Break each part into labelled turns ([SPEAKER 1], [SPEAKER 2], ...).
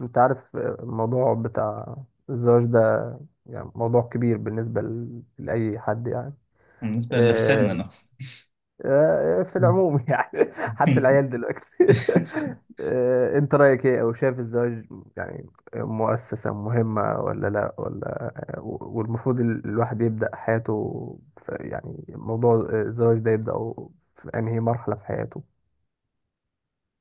[SPEAKER 1] انت عارف الموضوع بتاع الزواج ده يعني موضوع كبير بالنسبة لأي حد يعني.
[SPEAKER 2] بالنسبة اللي في
[SPEAKER 1] آه،
[SPEAKER 2] سننا.
[SPEAKER 1] في العموم يعني حتى العيال دلوقتي انت رأيك ايه او شايف الزواج يعني مؤسسة مهمة ولا لا ولا، والمفروض الواحد يبدأ حياته يعني موضوع الزواج ده يبدأ في انهي مرحلة في حياته.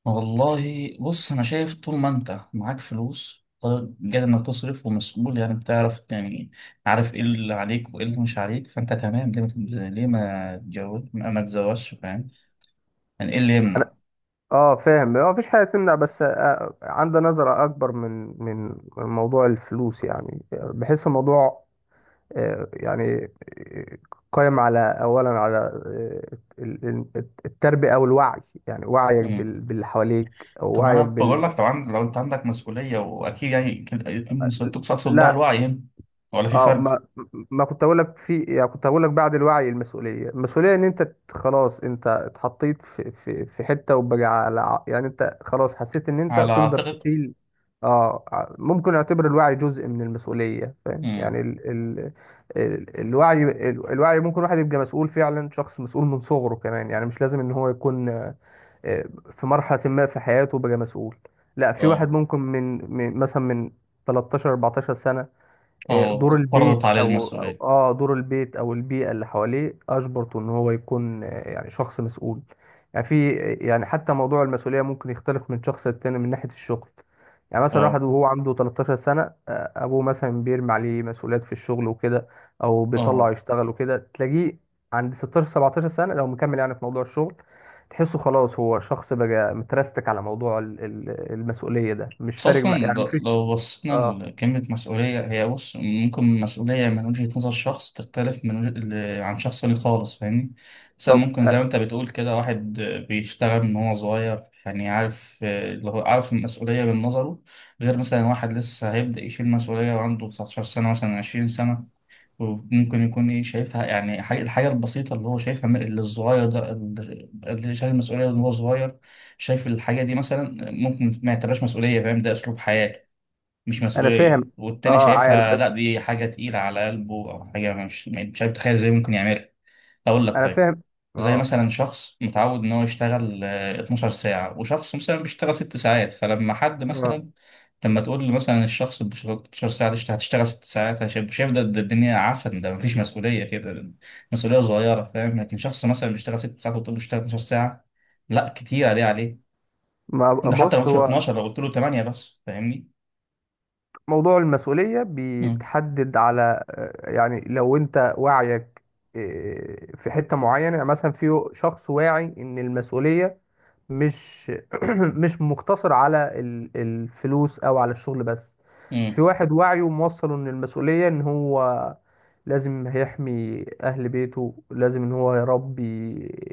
[SPEAKER 2] والله بص، أنا شايف طول ما أنت معاك فلوس قادر إنك تصرف ومسؤول، يعني بتعرف، يعني عارف إيه اللي عليك وإيه اللي مش عليك، فأنت تمام. ليه ما تتز- ليه ما تتجوز، ما تتزوجش؟ فاهم يعني إيه اللي يمنع؟
[SPEAKER 1] اه فاهم، ما فيش حاجه تمنع، بس عندي نظره اكبر من من من موضوع الفلوس، يعني بحس الموضوع يعني قائم على اولا على التربيه او الوعي، يعني وعيك
[SPEAKER 2] مم.
[SPEAKER 1] باللي حواليك او
[SPEAKER 2] طب ما أنا
[SPEAKER 1] وعيك
[SPEAKER 2] بقول
[SPEAKER 1] بال.
[SPEAKER 2] لك، لو أنت عندك مسؤولية، وأكيد يعني أكيد مسؤوليتك تقصد بها
[SPEAKER 1] لا.
[SPEAKER 2] الوعي هنا ولا في
[SPEAKER 1] اه،
[SPEAKER 2] فرق؟
[SPEAKER 1] ما كنت اقول لك في، يعني كنت هقول لك بعد الوعي المسؤوليه ان انت خلاص انت اتحطيت في في حته وبقى على يعني انت خلاص حسيت ان انت
[SPEAKER 2] على
[SPEAKER 1] تقدر
[SPEAKER 2] أعتقد.
[SPEAKER 1] تشيل. اه، ممكن اعتبر الوعي جزء من المسؤوليه، فاهم؟
[SPEAKER 2] مم.
[SPEAKER 1] يعني الوعي الوعي ممكن واحد يبقى مسؤول فعلا، شخص مسؤول من صغره كمان، يعني مش لازم ان هو يكون آه، في مرحله ما في حياته بقى مسؤول. لا، في واحد
[SPEAKER 2] أه.
[SPEAKER 1] ممكن من مثلا من 13 14 سنه. دور
[SPEAKER 2] أه، فرضت
[SPEAKER 1] البيت
[SPEAKER 2] عليه المسؤولية.
[SPEAKER 1] اه دور البيت او البيئه اللي حواليه اجبرته ان هو يكون يعني شخص مسؤول. يعني في يعني حتى موضوع المسؤوليه ممكن يختلف من شخص للتاني من ناحيه الشغل. يعني مثلا
[SPEAKER 2] أه.
[SPEAKER 1] واحد وهو عنده 13 سنه، ابوه مثلا بيرمي عليه مسؤوليات في الشغل وكده، او بيطلعه
[SPEAKER 2] أه،
[SPEAKER 1] يشتغل وكده، تلاقيه عند 16 17 سنه لو مكمل يعني في موضوع الشغل تحسه خلاص هو شخص بقى مترستك. على موضوع المسؤوليه ده مش
[SPEAKER 2] بس
[SPEAKER 1] فارق
[SPEAKER 2] أصلا
[SPEAKER 1] مع، يعني مفيش.
[SPEAKER 2] لو بصينا
[SPEAKER 1] اه.
[SPEAKER 2] لكلمة مسؤولية، هي بص ممكن مسؤولية من وجهة نظر شخص تختلف من عن شخص ليه خالص، فاهمني؟ مثلا
[SPEAKER 1] طب
[SPEAKER 2] ممكن زي ما أنت بتقول كده، واحد بيشتغل من هو صغير، يعني عارف، اللي هو عارف المسؤولية من نظره. غير مثلا واحد لسه هيبدأ يشيل مسؤولية وعنده 19 سنة، مثلا 20 سنة، وممكن يكون ايه شايفها، يعني الحاجة البسيطة اللي هو شايفها اللي الصغير ده اللي شايل المسؤولية وان هو صغير، شايف الحاجة دي مثلا ممكن ما يعتبرهاش مسؤولية. فاهم، ده أسلوب حياة مش
[SPEAKER 1] انا
[SPEAKER 2] مسؤولية.
[SPEAKER 1] فاهم.
[SPEAKER 2] والتاني
[SPEAKER 1] اه عارف،
[SPEAKER 2] شايفها لا
[SPEAKER 1] بس
[SPEAKER 2] دي حاجة تقيلة على قلبه، أو حاجة مش عارف تخيل ازاي ممكن يعملها. أقول لك
[SPEAKER 1] انا
[SPEAKER 2] طيب،
[SPEAKER 1] فاهم.
[SPEAKER 2] زي
[SPEAKER 1] اه.
[SPEAKER 2] مثلا شخص متعود ان هو يشتغل 12 ساعة، وشخص مثلا بيشتغل 6 ساعات، فلما حد
[SPEAKER 1] اه،
[SPEAKER 2] مثلا، لما تقول لي مثلا الشخص ب 16 ساعة، دي هتشتغل ست ساعات، هشايف، شايف ده، ده الدنيا عسل، ده مفيش مسؤولية كده، مسؤولية صغيرة. فاهم، لكن شخص مثلا بيشتغل ست ساعات وتقول له اشتغل 12 ساعة، لا كتير دي عليه.
[SPEAKER 1] ما
[SPEAKER 2] ده حتى لو
[SPEAKER 1] بص،
[SPEAKER 2] مش
[SPEAKER 1] هو
[SPEAKER 2] 12، لو قلت له 8 بس، فاهمني؟
[SPEAKER 1] موضوع المسؤولية
[SPEAKER 2] مم.
[SPEAKER 1] بيتحدد على يعني لو انت وعيك في حتة معينة. يعني مثلا في شخص واعي ان المسؤولية مش مش مقتصر على الفلوس او على الشغل بس.
[SPEAKER 2] مم.
[SPEAKER 1] في واحد وعيه موصله ان المسؤولية ان هو لازم هيحمي أهل بيته، لازم إن هو يربي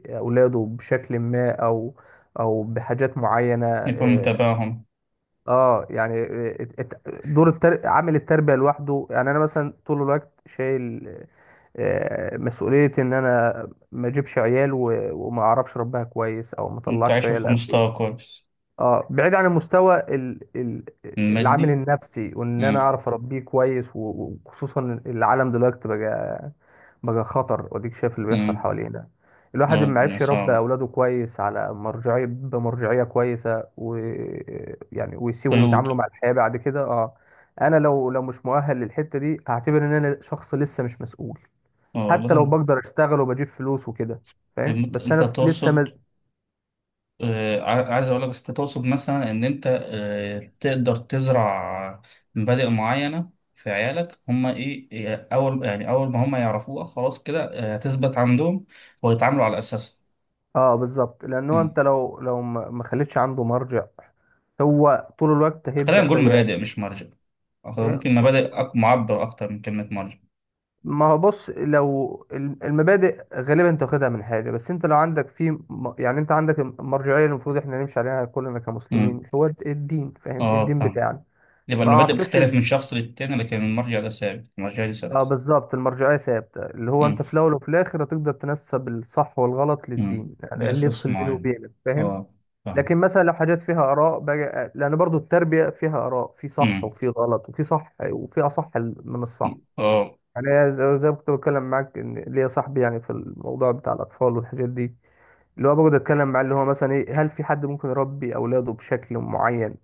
[SPEAKER 1] أولاده بشكل ما، أو أو بحاجات معينة
[SPEAKER 2] يكون
[SPEAKER 1] آه.
[SPEAKER 2] متابعهم.
[SPEAKER 1] يعني دور التر... عامل التربية لوحده. يعني أنا مثلا طول الوقت شايل مسؤولية إن أنا ما أجيبش عيال و... وما أعرفش أربيها كويس، أو ما أطلعش
[SPEAKER 2] تعيشوا
[SPEAKER 1] عيال
[SPEAKER 2] في
[SPEAKER 1] أسوية.
[SPEAKER 2] مستوى كويس.
[SPEAKER 1] آه بعيد عن المستوى العامل
[SPEAKER 2] المادي.
[SPEAKER 1] النفسي، وإن أنا
[SPEAKER 2] امم.
[SPEAKER 1] أعرف أربيه كويس وخصوصا العالم دلوقتي بقى بقى خطر، وديك شايف اللي بيحصل
[SPEAKER 2] امم.
[SPEAKER 1] حوالينا. الواحد ما
[SPEAKER 2] الدنيا
[SPEAKER 1] عرفش يربي
[SPEAKER 2] صعبة.
[SPEAKER 1] اولاده كويس على مرجعيه بمرجعيه كويسه، و يعني، ويسيبهم
[SPEAKER 2] قيود.
[SPEAKER 1] يتعاملوا مع الحياه بعد كده، اه. انا لو لو مش مؤهل للحته دي، هعتبر ان انا شخص لسه مش مسؤول،
[SPEAKER 2] اه
[SPEAKER 1] حتى لو
[SPEAKER 2] لازم.
[SPEAKER 1] بقدر اشتغل وبجيب فلوس وكده، فاهم؟ بس
[SPEAKER 2] انت
[SPEAKER 1] انا لسه
[SPEAKER 2] تقصد،
[SPEAKER 1] ما.
[SPEAKER 2] عايز اقول لك، بس انت تقصد مثلا ان انت تقدر تزرع مبادئ معينه في عيالك، هم ايه إيه، اول يعني اول ما هم يعرفوها خلاص كده هتثبت عندهم، ويتعاملوا على اساسها.
[SPEAKER 1] اه بالظبط، لانه
[SPEAKER 2] مم.
[SPEAKER 1] انت لو لو ما خليتش عنده مرجع، هو طول الوقت
[SPEAKER 2] خلينا
[SPEAKER 1] هيبدا
[SPEAKER 2] نقول
[SPEAKER 1] بقى.
[SPEAKER 2] مبادئ مش مرجع، أو
[SPEAKER 1] إيه؟
[SPEAKER 2] ممكن مبادئ معبر اكتر من كلمه مرجع.
[SPEAKER 1] ما هو بص، لو المبادئ غالبا انت واخدها من حاجه، بس انت لو عندك في يعني انت عندك المرجعيه اللي المفروض احنا نمشي عليها كلنا
[SPEAKER 2] مم.
[SPEAKER 1] كمسلمين، هو الدين، فاهم؟
[SPEAKER 2] اه
[SPEAKER 1] الدين
[SPEAKER 2] فاهم.
[SPEAKER 1] بتاعنا.
[SPEAKER 2] يبقى
[SPEAKER 1] ما
[SPEAKER 2] المبادئ
[SPEAKER 1] اعتقدش.
[SPEAKER 2] بتختلف من شخص للتاني، لكن المرجع ده ثابت، المرجع ده
[SPEAKER 1] اه
[SPEAKER 2] ثابت.
[SPEAKER 1] بالظبط، المرجعيه ثابته، اللي هو
[SPEAKER 2] مم.
[SPEAKER 1] انت في الاول وفي الاخر هتقدر تنسب الصح والغلط
[SPEAKER 2] مم.
[SPEAKER 1] للدين، يعني
[SPEAKER 2] ده
[SPEAKER 1] اللي
[SPEAKER 2] اساس
[SPEAKER 1] يفصل بينه
[SPEAKER 2] معين.
[SPEAKER 1] وبينك، فاهم؟
[SPEAKER 2] اه
[SPEAKER 1] لكن
[SPEAKER 2] فاهم.
[SPEAKER 1] مثلا لو حاجات فيها اراء بقى، لان برضو التربيه فيها اراء، في صح
[SPEAKER 2] مم.
[SPEAKER 1] وفي غلط، وفي صح وفي اصح من الصح.
[SPEAKER 2] اه.
[SPEAKER 1] انا زي ما كنت بتكلم معاك ان ليا صاحبي، يعني في الموضوع بتاع الاطفال والحاجات دي، اللي هو بقعد اتكلم معاه، اللي هو مثلا ايه، هل في حد ممكن يربي اولاده بشكل معين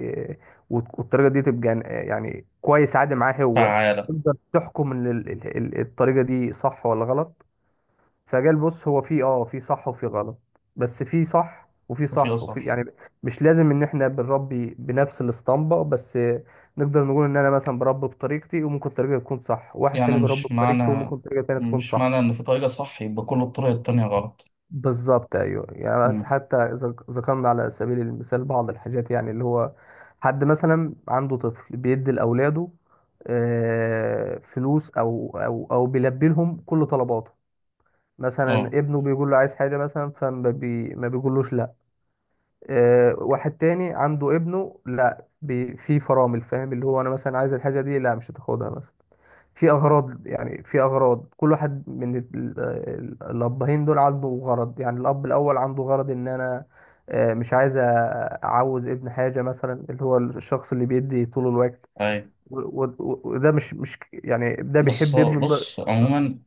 [SPEAKER 1] إيه، والطريقه دي تبقى يعني كويس عادي معاه هو.
[SPEAKER 2] تعالى.
[SPEAKER 1] تقدر تحكم ان الطريقه دي صح ولا غلط؟ فجال بص، هو في اه في صح وفي غلط، بس في صح وفي
[SPEAKER 2] توفيق
[SPEAKER 1] صح وفي
[SPEAKER 2] صح.
[SPEAKER 1] يعني. مش لازم ان احنا بنربي بنفس الاسطمبة، بس نقدر نقول ان انا مثلا بربي بطريقتي وممكن طريقة تكون صح، واحد
[SPEAKER 2] يعني
[SPEAKER 1] تاني بيربي
[SPEAKER 2] مش
[SPEAKER 1] بطريقته
[SPEAKER 2] معنى،
[SPEAKER 1] وممكن طريقة تانية تكون
[SPEAKER 2] مش
[SPEAKER 1] صح.
[SPEAKER 2] معنى ان في طريقة صح يبقى كل الطرق التانية غلط.
[SPEAKER 1] بالظبط ايوه يعني، بس
[SPEAKER 2] مم.
[SPEAKER 1] حتى إذا ذكرنا على سبيل المثال بعض الحاجات، يعني اللي هو حد مثلا عنده طفل بيدي لاولاده فلوس او بيلبي لهم كل طلباته. مثلا
[SPEAKER 2] اه.
[SPEAKER 1] ابنه بيقول له عايز حاجة مثلا فما بي... ما بيقولوش لا. آه واحد تاني عنده ابنه لا بي... في فرامل، فاهم؟ اللي هو انا مثلا عايز الحاجة دي، لا مش هتاخدها مثلا. في اغراض، يعني في اغراض كل واحد من الابهين دول عنده غرض. يعني الاب الاول عنده غرض ان انا آه مش عايز اعوز ابن حاجة مثلا، اللي هو الشخص اللي بيدي طول الوقت،
[SPEAKER 2] اي.
[SPEAKER 1] وده مش مش يعني ده
[SPEAKER 2] بس
[SPEAKER 1] بيحب ابنه.
[SPEAKER 2] بص عموما،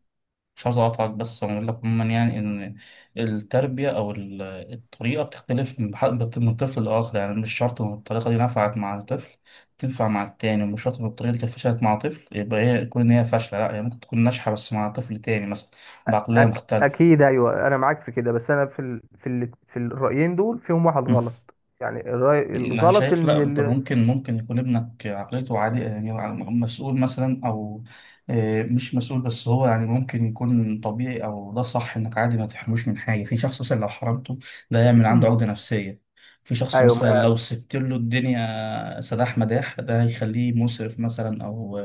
[SPEAKER 2] مش عايز اقاطعك، بس اقول لك عموما يعني ان التربية او الطريقة بتختلف من طفل لاخر. يعني مش شرط ان الطريقة دي نفعت مع الطفل تنفع مع التاني، ومش شرط ان الطريقة دي كانت فشلت مع طفل يبقى هي تكون ان هي فاشلة، لا هي ممكن تكون ناجحة بس مع طفل تاني مثلا، بعقلية مختلفة.
[SPEAKER 1] اكيد ايوه انا معاك في كده، بس انا في في الرايين دول فيهم واحد غلط. يعني الراي
[SPEAKER 2] انا
[SPEAKER 1] الغلط
[SPEAKER 2] شايف لا،
[SPEAKER 1] ان
[SPEAKER 2] انت
[SPEAKER 1] ال...
[SPEAKER 2] ممكن يكون ابنك عقليته عادية، يعني مسؤول مثلا، او مش مسؤول، بس هو يعني ممكن يكون طبيعي، او ده صح انك عادي ما تحرموش من حاجة. في شخص مثلا لو حرمته ده يعمل عنده عقدة نفسية، في شخص
[SPEAKER 1] ايوه
[SPEAKER 2] مثلا
[SPEAKER 1] ما...
[SPEAKER 2] لو سبت له الدنيا سداح مداح ده هيخليه مسرف مثلا، او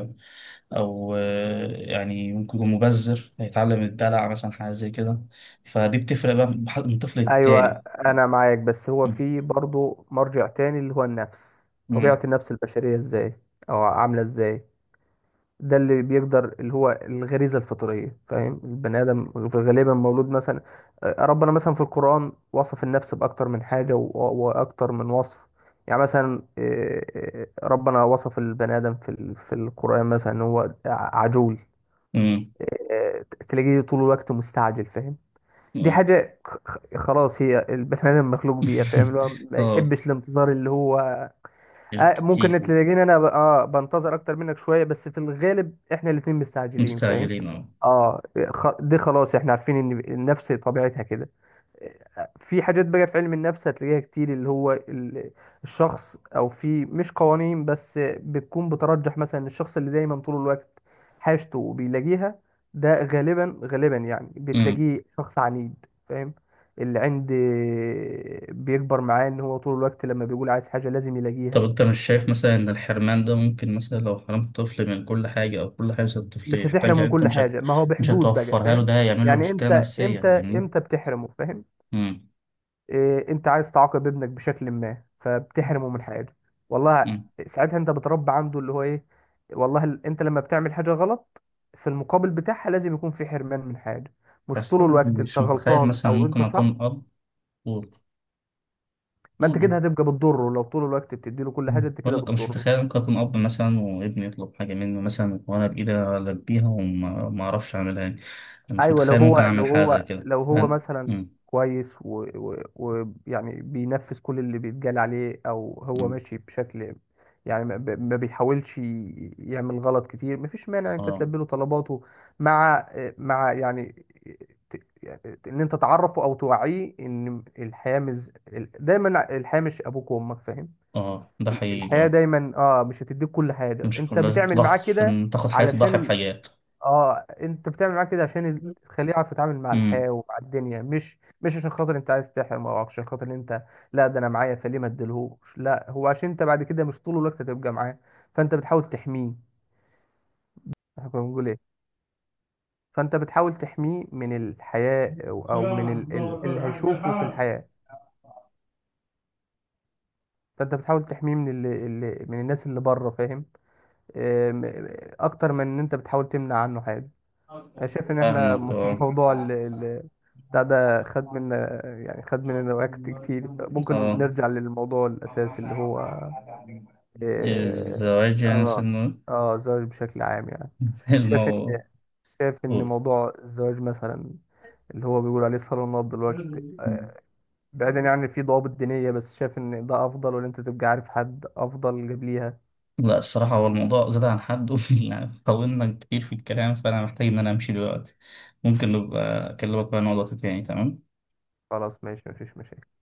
[SPEAKER 2] او يعني ممكن يكون مبذر، هيتعلم الدلع مثلا، حاجة زي كده. فدي بتفرق بقى من طفل
[SPEAKER 1] ايوه
[SPEAKER 2] للتاني.
[SPEAKER 1] انا معاك، بس هو في برضه مرجع تاني اللي هو النفس. طبيعة
[SPEAKER 2] مم.
[SPEAKER 1] النفس البشرية ازاي او عاملة ازاي، ده اللي بيقدر اللي هو الغريزة الفطرية، فاهم؟ البني آدم غالبا مولود مثلا ربنا مثلا في القرآن وصف النفس بأكتر من حاجة وأكتر من وصف. يعني مثلا ربنا وصف البني آدم في في القرآن مثلا إن هو عجول.
[SPEAKER 2] مم.
[SPEAKER 1] آه، تلاقيه طول الوقت مستعجل، فاهم؟ دي
[SPEAKER 2] مم.
[SPEAKER 1] حاجة خلاص هي البني آدم مخلوق بيها، فاهم؟ اللي هو ما
[SPEAKER 2] اه.
[SPEAKER 1] يحبش الانتظار، اللي هو
[SPEAKER 2] كتير
[SPEAKER 1] ممكن تلاقيني انا ب... اه بنتظر اكتر منك شويه، بس في الغالب احنا الاتنين مستعجلين، فاهم؟
[SPEAKER 2] مستعجلين اه.
[SPEAKER 1] اه. دي خلاص احنا عارفين ان النفس طبيعتها كده. في حاجات بقى في علم النفس هتلاقيها كتير، اللي هو الشخص، او في مش قوانين بس بتكون بترجح، مثلا الشخص اللي دايما طول الوقت حاجته وبيلاقيها، ده غالبا غالبا يعني
[SPEAKER 2] أمم.
[SPEAKER 1] بتلاقيه شخص عنيد، فاهم؟ اللي عند بيكبر معاه ان هو طول الوقت لما بيقول عايز حاجة لازم
[SPEAKER 2] طب
[SPEAKER 1] يلاقيها.
[SPEAKER 2] انت مش شايف مثلا ان الحرمان ده ممكن مثلا لو حرمت الطفل من كل حاجة، او كل حاجة الطفل
[SPEAKER 1] مش هتحرمه
[SPEAKER 2] يحتاجها
[SPEAKER 1] من
[SPEAKER 2] انت
[SPEAKER 1] كل
[SPEAKER 2] مش هت...
[SPEAKER 1] حاجه، ما هو
[SPEAKER 2] مش
[SPEAKER 1] بحدود بقى،
[SPEAKER 2] هتوفرها له،
[SPEAKER 1] فاهم؟
[SPEAKER 2] ده هيعمل له
[SPEAKER 1] يعني
[SPEAKER 2] مشكلة
[SPEAKER 1] امتى،
[SPEAKER 2] نفسية
[SPEAKER 1] امتى،
[SPEAKER 2] يعني.
[SPEAKER 1] امتى بتحرمه، فاهم؟
[SPEAKER 2] امم.
[SPEAKER 1] إيه، انت عايز تعاقب ابنك بشكل ما فبتحرمه من حاجه. والله
[SPEAKER 2] أمم.
[SPEAKER 1] ساعتها انت بتربي عنده اللي هو ايه، والله انت لما بتعمل حاجه غلط في المقابل بتاعها لازم يكون في حرمان من حاجه. مش
[SPEAKER 2] بس
[SPEAKER 1] طول
[SPEAKER 2] انا
[SPEAKER 1] الوقت انت
[SPEAKER 2] مش متخيل
[SPEAKER 1] غلطان
[SPEAKER 2] مثلا
[SPEAKER 1] او انت
[SPEAKER 2] ممكن
[SPEAKER 1] صح.
[SPEAKER 2] اكون اب و-
[SPEAKER 1] ما انت
[SPEAKER 2] قول.
[SPEAKER 1] كده هتبقى بتضره، لو طول الوقت بتديله كل حاجه
[SPEAKER 2] أمم.
[SPEAKER 1] انت
[SPEAKER 2] بقول
[SPEAKER 1] كده
[SPEAKER 2] لك أنا مش
[SPEAKER 1] بتضره.
[SPEAKER 2] متخيل ممكن اكون اب مثلا، وابني يطلب حاجة مني مثلا وانا بايدي البيها وما ما اعرفش اعملها يعني. أنا مش
[SPEAKER 1] ايوه،
[SPEAKER 2] متخيل ممكن اعمل حاجة زي كده،
[SPEAKER 1] لو هو
[SPEAKER 2] فاهم؟
[SPEAKER 1] مثلا كويس ويعني يعني بينفذ كل اللي بيتقال عليه، او هو
[SPEAKER 2] أمم.
[SPEAKER 1] ماشي بشكل يعني ما بيحاولش يعمل غلط كتير، مفيش مانع إن انت
[SPEAKER 2] اه.
[SPEAKER 1] تلبي له طلباته، مع مع يعني يعني ان انت تعرفه او توعيه ان الحياه مش ال- دايما الحياه مش ابوك وامك، فاهم؟
[SPEAKER 2] اه ده حقيقي
[SPEAKER 1] الحياه
[SPEAKER 2] اه.
[SPEAKER 1] دايما اه مش هتديك كل حاجه.
[SPEAKER 2] مش
[SPEAKER 1] انت
[SPEAKER 2] كلها
[SPEAKER 1] بتعمل معاه
[SPEAKER 2] ضحى،
[SPEAKER 1] كده
[SPEAKER 2] عشان تاخد حياة تضحي
[SPEAKER 1] علشان،
[SPEAKER 2] بحياة.
[SPEAKER 1] اه انت بتعمل معاه كده عشان تخليه يعرف يتعامل مع
[SPEAKER 2] امم.
[SPEAKER 1] الحياة ومع الدنيا، مش مش عشان خاطر انت عايز تحرم او عشان خاطر إن انت لا ده انا معايا فليه ما اديلهوش، لا هو عشان انت بعد كده مش طول الوقت هتبقى معاه، فانت بتحاول تحميه. احنا كنا بنقول ايه؟ فانت بتحاول تحميه من الحياة او، أو من اللي هيشوفه في الحياة، فانت بتحاول تحميه من من الناس اللي بره، فاهم؟ آم، اكتر من ان انت بتحاول تمنع عنه حاجة. انا شايف ان احنا
[SPEAKER 2] فاهمك
[SPEAKER 1] موضوع
[SPEAKER 2] اه.
[SPEAKER 1] بتاع ده خد منا، يعني خد مننا وقت كتير، ممكن
[SPEAKER 2] اه.
[SPEAKER 1] نرجع للموضوع الاساسي اللي هو اه.
[SPEAKER 2] الزواج يعني
[SPEAKER 1] اه.
[SPEAKER 2] سنه.
[SPEAKER 1] الزواج بشكل عام يعني، شايف ان
[SPEAKER 2] الموضوع.
[SPEAKER 1] شايف ان موضوع الزواج مثلا اللي هو بيقول عليه صالونات دلوقتي، بعيدا يعني في ضوابط دينية، بس شايف ان ده افضل ولا انت تبقى عارف حد افضل قبليها؟
[SPEAKER 2] لا الصراحة هو الموضوع زاد عن حد. يعني طولنا كتير في الكلام، فأنا محتاج إن أنا أمشي دلوقتي. ممكن نبقى أكلمك بقى عن موضوع تاني، تمام.
[SPEAKER 1] خلاص ماشي، مفيش مشاكل.